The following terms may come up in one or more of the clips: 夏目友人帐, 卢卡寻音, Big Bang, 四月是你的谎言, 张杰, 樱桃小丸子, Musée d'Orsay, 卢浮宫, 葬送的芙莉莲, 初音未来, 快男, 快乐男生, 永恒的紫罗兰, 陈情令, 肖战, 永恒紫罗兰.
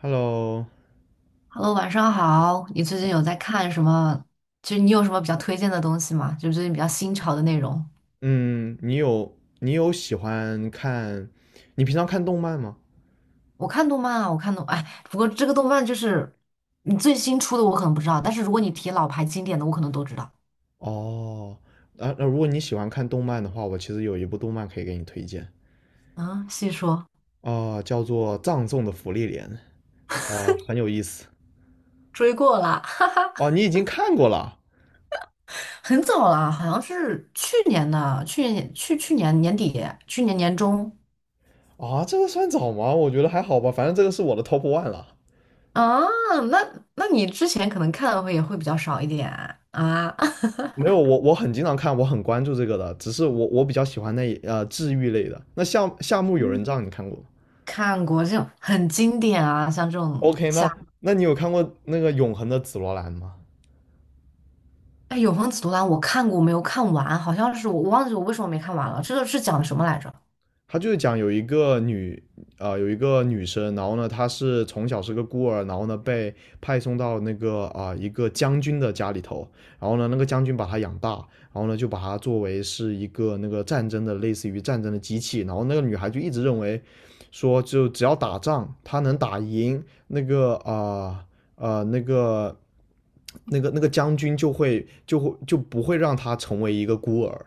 Hello，Hello，晚上好。你最近有在看什么？就是你有什么比较推荐的东西吗？就是最近比较新潮的内容。嗯，你有喜欢看，你平常看动漫吗？我看动漫啊，我看动，哎，不过这个动漫就是你最新出的，我可能不知道。但是如果你提老牌经典的，我可能都知道。哦，啊，那如果你喜欢看动漫的话，我其实有一部动漫可以给你推荐，嗯，细说。啊，叫做《葬送的芙莉莲》，啊，很有意思。追过啦，哦，你已经看过了很早啦，好像是去年的，去年年底，去年年中啊？这个算早吗？我觉得还好吧，反正这个是我的 top one 了。啊。那你之前可能看的会也会比较少一点啊。没有，我很经常看，我很关注这个的，只是我比较喜欢那一治愈类的。那夏目友嗯，人帐你看过？ 看过这种很经典啊，像这种。o k， 那你有看过那个《永恒的紫罗兰》吗？哎，《永恒紫罗兰》我看过，我没有看完，好像是我忘记我为什么没看完了。这个是讲的什么来着？他就是讲有一个女生。然后呢，她是从小是个孤儿，然后呢被派送到那个一个将军的家里头，然后呢那个将军把她养大，然后呢就把她作为是一个那个战争的类似于战争的机器。然后那个女孩就一直认为说就只要打仗，她能打赢那个呃呃那个那个将军就不会让她成为一个孤儿，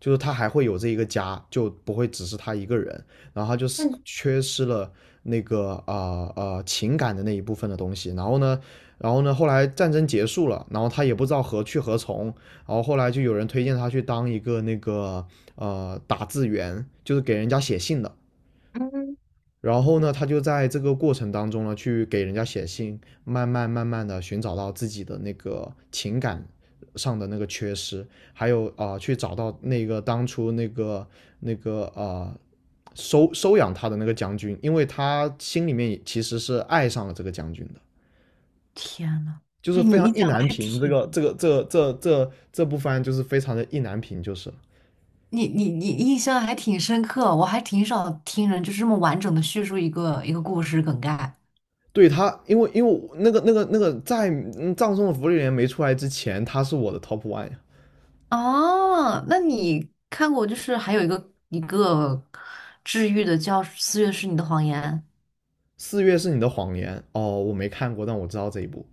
就是他还会有这一个家，就不会只是他一个人。然后他就是缺失了那个情感的那一部分的东西。然后呢，后来战争结束了，然后他也不知道何去何从，然后后来就有人推荐他去当一个那个打字员，就是给人家写信的。嗯，然后呢，他就在这个过程当中呢，去给人家写信，慢慢慢慢的寻找到自己的那个情感上的那个缺失，还有去找到那个当初那个收养他的那个将军，因为他心里面其实是爱上了这个将军的，天呐，就是哎，非常意难平。这部番就是非常的意难平，就是。你印象还挺深刻，我还挺少听人就是这么完整的叙述一个一个故事梗概。对。他，因为在葬送的福利莲》没出来之前，他是我的 top one，呀。哦，那你看过就是还有一个一个治愈的叫《四月是你的谎言》，四月是你的谎言哦，我没看过，但我知道这一部。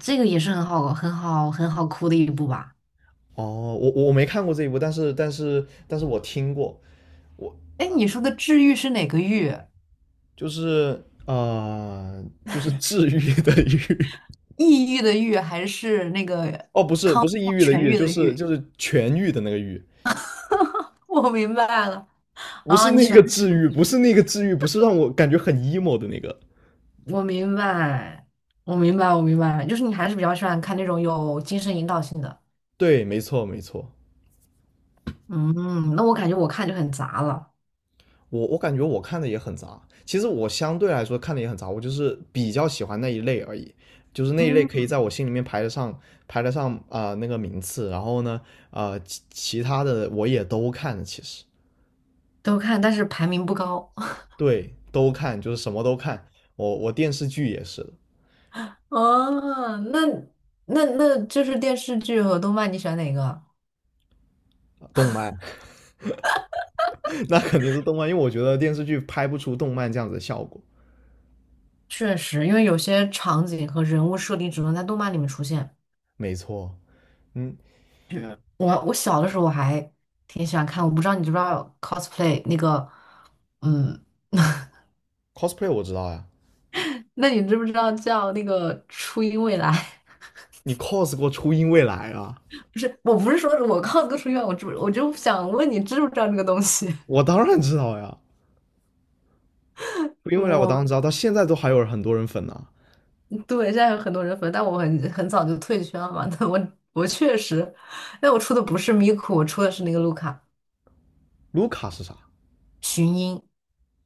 这个也是很好很好很好哭的一部吧？哦，我没看过这一部，但是我听过。我哎，你说的治愈是哪个愈？就是呃就是治愈的愈。 抑郁的郁还是那个？哦，不是抑郁的痊郁，愈就的是就愈。是痊愈的那个愈，我明白了。不是啊，你那喜欢 个治愈，不是那个治愈，不是让我感觉很 emo 的那个。我明白，我明白，我明白，就是你还是比较喜欢看那种有精神引导性的。对，没错没错，嗯，那我感觉我看就很杂了。我感觉我看的也很杂，其实我相对来说看的也很杂，我就是比较喜欢那一类而已，就是那一类可以嗯，在我心里面排得上那个名次。然后呢，其他的我也都看，其实都看，但是排名不高。对都看，就是什么都看，我电视剧也是的。啊，那就是电视剧和动漫，你喜欢哪个？动漫。 那肯定是动漫，因为我觉得电视剧拍不出动漫这样子的效果。确实，因为有些场景和人物设定只能在动漫里面出现，没错。嗯就挺喜欢看。我不知道你知不知道 cosplay 那个。嗯，，cosplay 我知道呀，那你知不知道叫那个初音未来？你 cos 过初音未来啊？不是，我不是说我靠哥出院，我知我就想问你知不知道这个东西？我当然知道呀。初音未来我我当然知道，到现在都还有很多人粉呢、啊。对，现在有很多人粉，但我很早就退圈了嘛。但我确实，但我出的不是咪咕，我出的是那个卢卡卢卡是啥？寻音。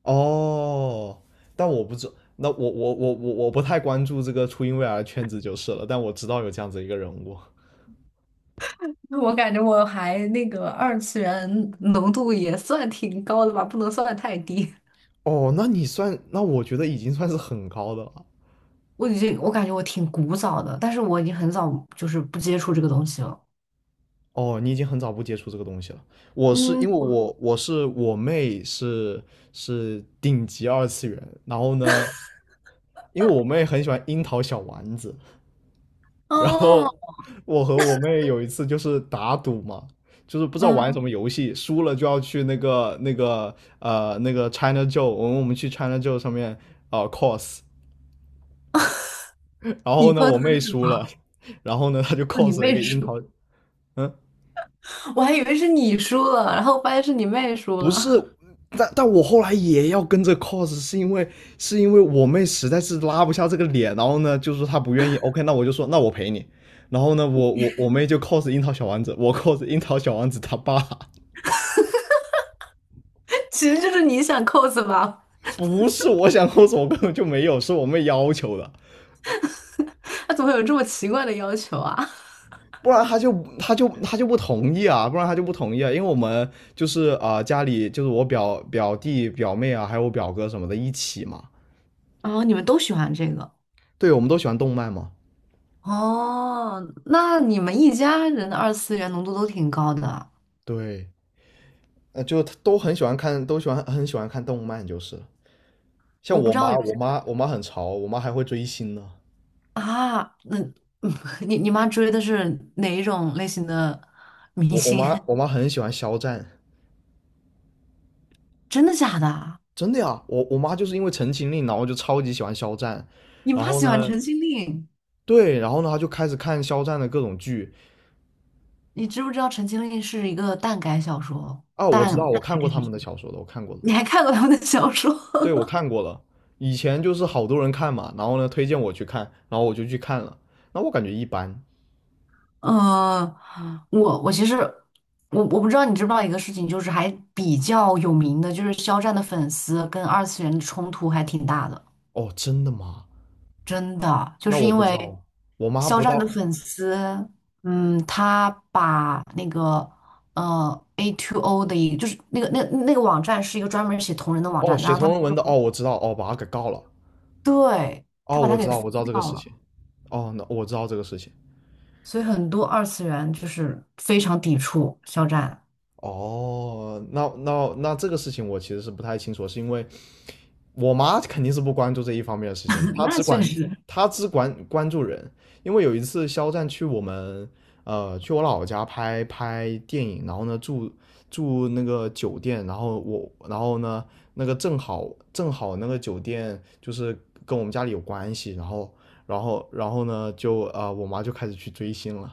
哦，但我不知。那我不太关注这个初音未来的圈子就是了，但我知道有这样子一个人物。我感觉我还那个二次元浓度也算挺高的吧，不能算太低。哦，那你算，那我觉得已经算是很高的了。我已经我感觉我挺古早的，但是我已经很早就是不接触这个东西了。哦，你已经很早不接触这个东西了。我是嗯，因为我妹是顶级二次元。然后呢，因为我妹很喜欢樱桃小丸子，然哦。后我和我妹有一次就是打赌嘛，就是不知道玩什嗯，么游戏，输了就要去那个 China Joe，我们去 China Joe 上面cos。然你 后呢 cos 我的妹是什输么？了，然后呢她就 哦，你 cos 了一妹个樱出。桃。嗯，我还以为是你输了，然后发现是你妹输不了。是，但我后来也要跟着 cos，是因为我妹实在是拉不下这个脸，然后呢就说她不愿意。OK，那我就说那我陪你，然后呢我妹就 cos 樱桃小丸子，我 cos 樱桃小丸子他爸。其实就是你想扣子吧？不是我想抠手，我根本就没有，是我妹要求的，他怎么会有这么奇怪的要求啊？不然她就不同意啊，不然她就不同意啊。因为我们就是家里就是我表弟表妹啊，还有我表哥什么的一起嘛。哦，你们都喜欢这个。对，我们都喜欢动漫嘛。哦，那你们一家人的二次元浓度都挺高的。对，就都很喜欢看，都喜欢很喜欢看动漫，就是像我不我知道妈。有我些妈我妈很潮，我妈还会追星呢。啊，你妈追的是哪一种类型的明我我星？妈 我妈很喜欢肖战。真的假的啊？真的呀，我妈就是因为《陈情令》，然后就超级喜欢肖战。你然妈后喜欢呢，陈情令？对，然后呢，他就开始看肖战的各种剧。你知不知道陈情令是一个耽改小说？啊，我耽知道，耽我看改过电他视们剧，的小说的，我看过了。你还看过他们的小说？对，我看过了。以前就是好多人看嘛，然后呢推荐我去看，然后我就去看了，那我感觉一般。呃，我其实我不知道你知不知道一个事情，就是还比较有名的，就是肖战的粉丝跟二次元的冲突还挺大的。哦，真的吗？真的，就那是我因不知为道，我妈肖不知战的道。粉丝。嗯，他把那个AO3 的就是那个那个网站是一个专门写同人的网哦，站，然写后同他人文的。哦，我知道。哦，把他给告了。对，他哦，把它我知给道，封我知道这个掉事了，情。哦，那我知道这个事情。所以很多二次元就是非常抵触肖战。哦，那这个事情我其实是不太清楚，是因为我妈肯定是不关注这一方面的事情，那确实。她只管关注人。因为有一次肖战去我老家拍拍电影，然后呢住那个酒店，然后我然后呢那个正好那个酒店就是跟我们家里有关系，然后呢就我妈就开始去追星了。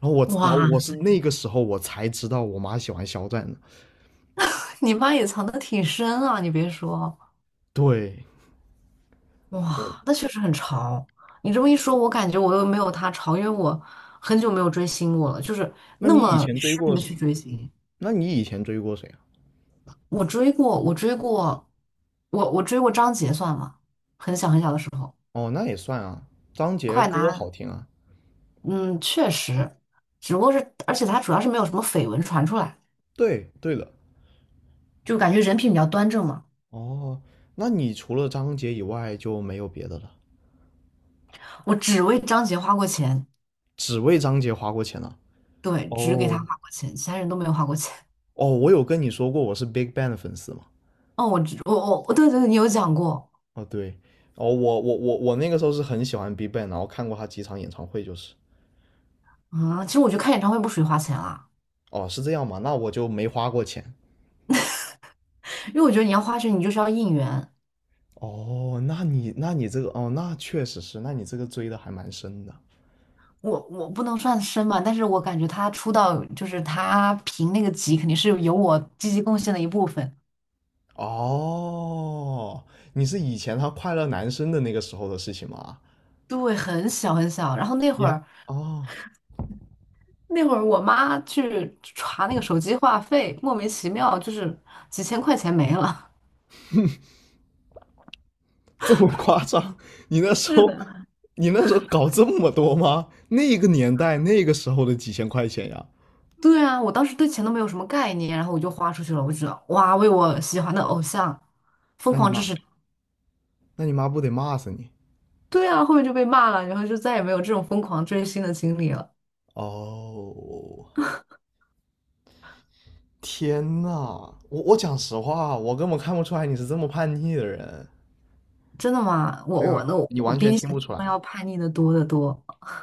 然后哇，我是那个时候我才知道我妈喜欢肖战的。你妈也藏得挺深啊，你别说。对，哦，哇，那确实很潮。你这么一说，我感觉我又没有她潮，因为我很久没有追星过了，就是那那你以么前追痴过迷的去追星。那你以前追过谁啊？我追过，我追过，我追过张杰算吗？很小很小的时候。哦，那也算啊，张杰快歌男。好听啊。嗯，确实。只不过是，而且他主要是没有什么绯闻传出来，对，对的。就感觉人品比较端正嘛。哦，那你除了张杰以外就没有别的了，我只为张杰花过钱。只为张杰花过钱了。对，只给他哦，花过钱，其他人都没有花过钱。哦，我有跟你说过我是 Big Bang 的粉丝吗？哦，我知我我对对对，你有讲过。哦，对，哦，我那个时候是很喜欢 Big Bang，然后看过他几场演唱会，就是。啊，其实我觉得看演唱会不属于花钱啦，哦，是这样吗？那我就没花过钱。因为我觉得你要花钱，你就是要应援。哦，那你这个哦，那确实是，那你这个追的还蛮深的。我不能算深吧，但是我感觉他出道就是他评那个级，肯定是有我积极贡献的一部分。哦，你是以前他快乐男生的那个时候的事情吗？对，很小很小。然后那你会还儿哦，那会儿我妈去查那个手机话费，莫名其妙就是几千块钱没了。这么夸张？你那时是候，的，你那时候搞这么多吗？那个年代，那个时候的几千块钱呀，对啊，我当时对钱都没有什么概念，然后我就花出去了。我就觉得哇，为我喜欢的偶像疯那你狂支妈，持。那你妈不得骂死你？对啊，后面就被骂了，然后就再也没有这种疯狂追星的经历了。哦，天呐，我讲实话，我根本看不出来你是这么叛逆的人。真的吗？对我啊，我那我你我完比全你听想不象出中要来，叛逆的多得多。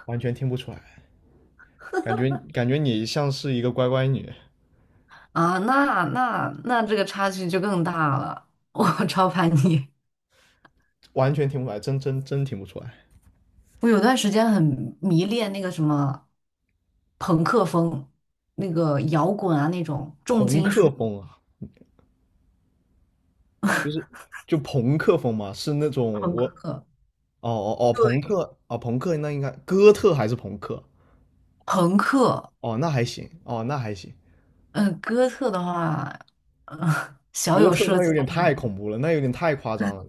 完全听不出来，感觉你像是一个乖乖女，啊！那这个差距就更大了，我 超叛逆。完全听不出来，真听不出来。我有段时间很迷恋那个什么朋克风，那个摇滚啊那种重朋金属克风啊，就是朋克风嘛，是那种朋我克，哦哦哦，朋克啊，朋克那应该哥特还是朋克？朋克。哦，那还行，哦，那还行。嗯、哥特的话，嗯、小哥有特涉那有及。点但是太恐怖了，那有点太夸张了。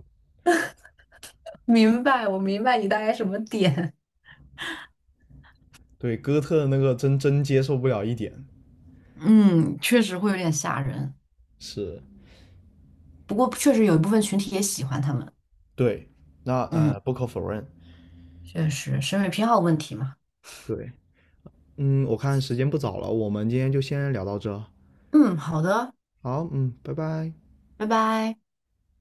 明白，我明白你大概什么点。对，哥特那个真真接受不了一点。嗯，确实会有点吓人，是，不过确实有一部分群体也喜欢他们。对，那嗯，不可否认。确实，审美偏好问题嘛。对，我看时间不早了，我们今天就先聊到这。嗯，好的，好，拜拜。拜拜。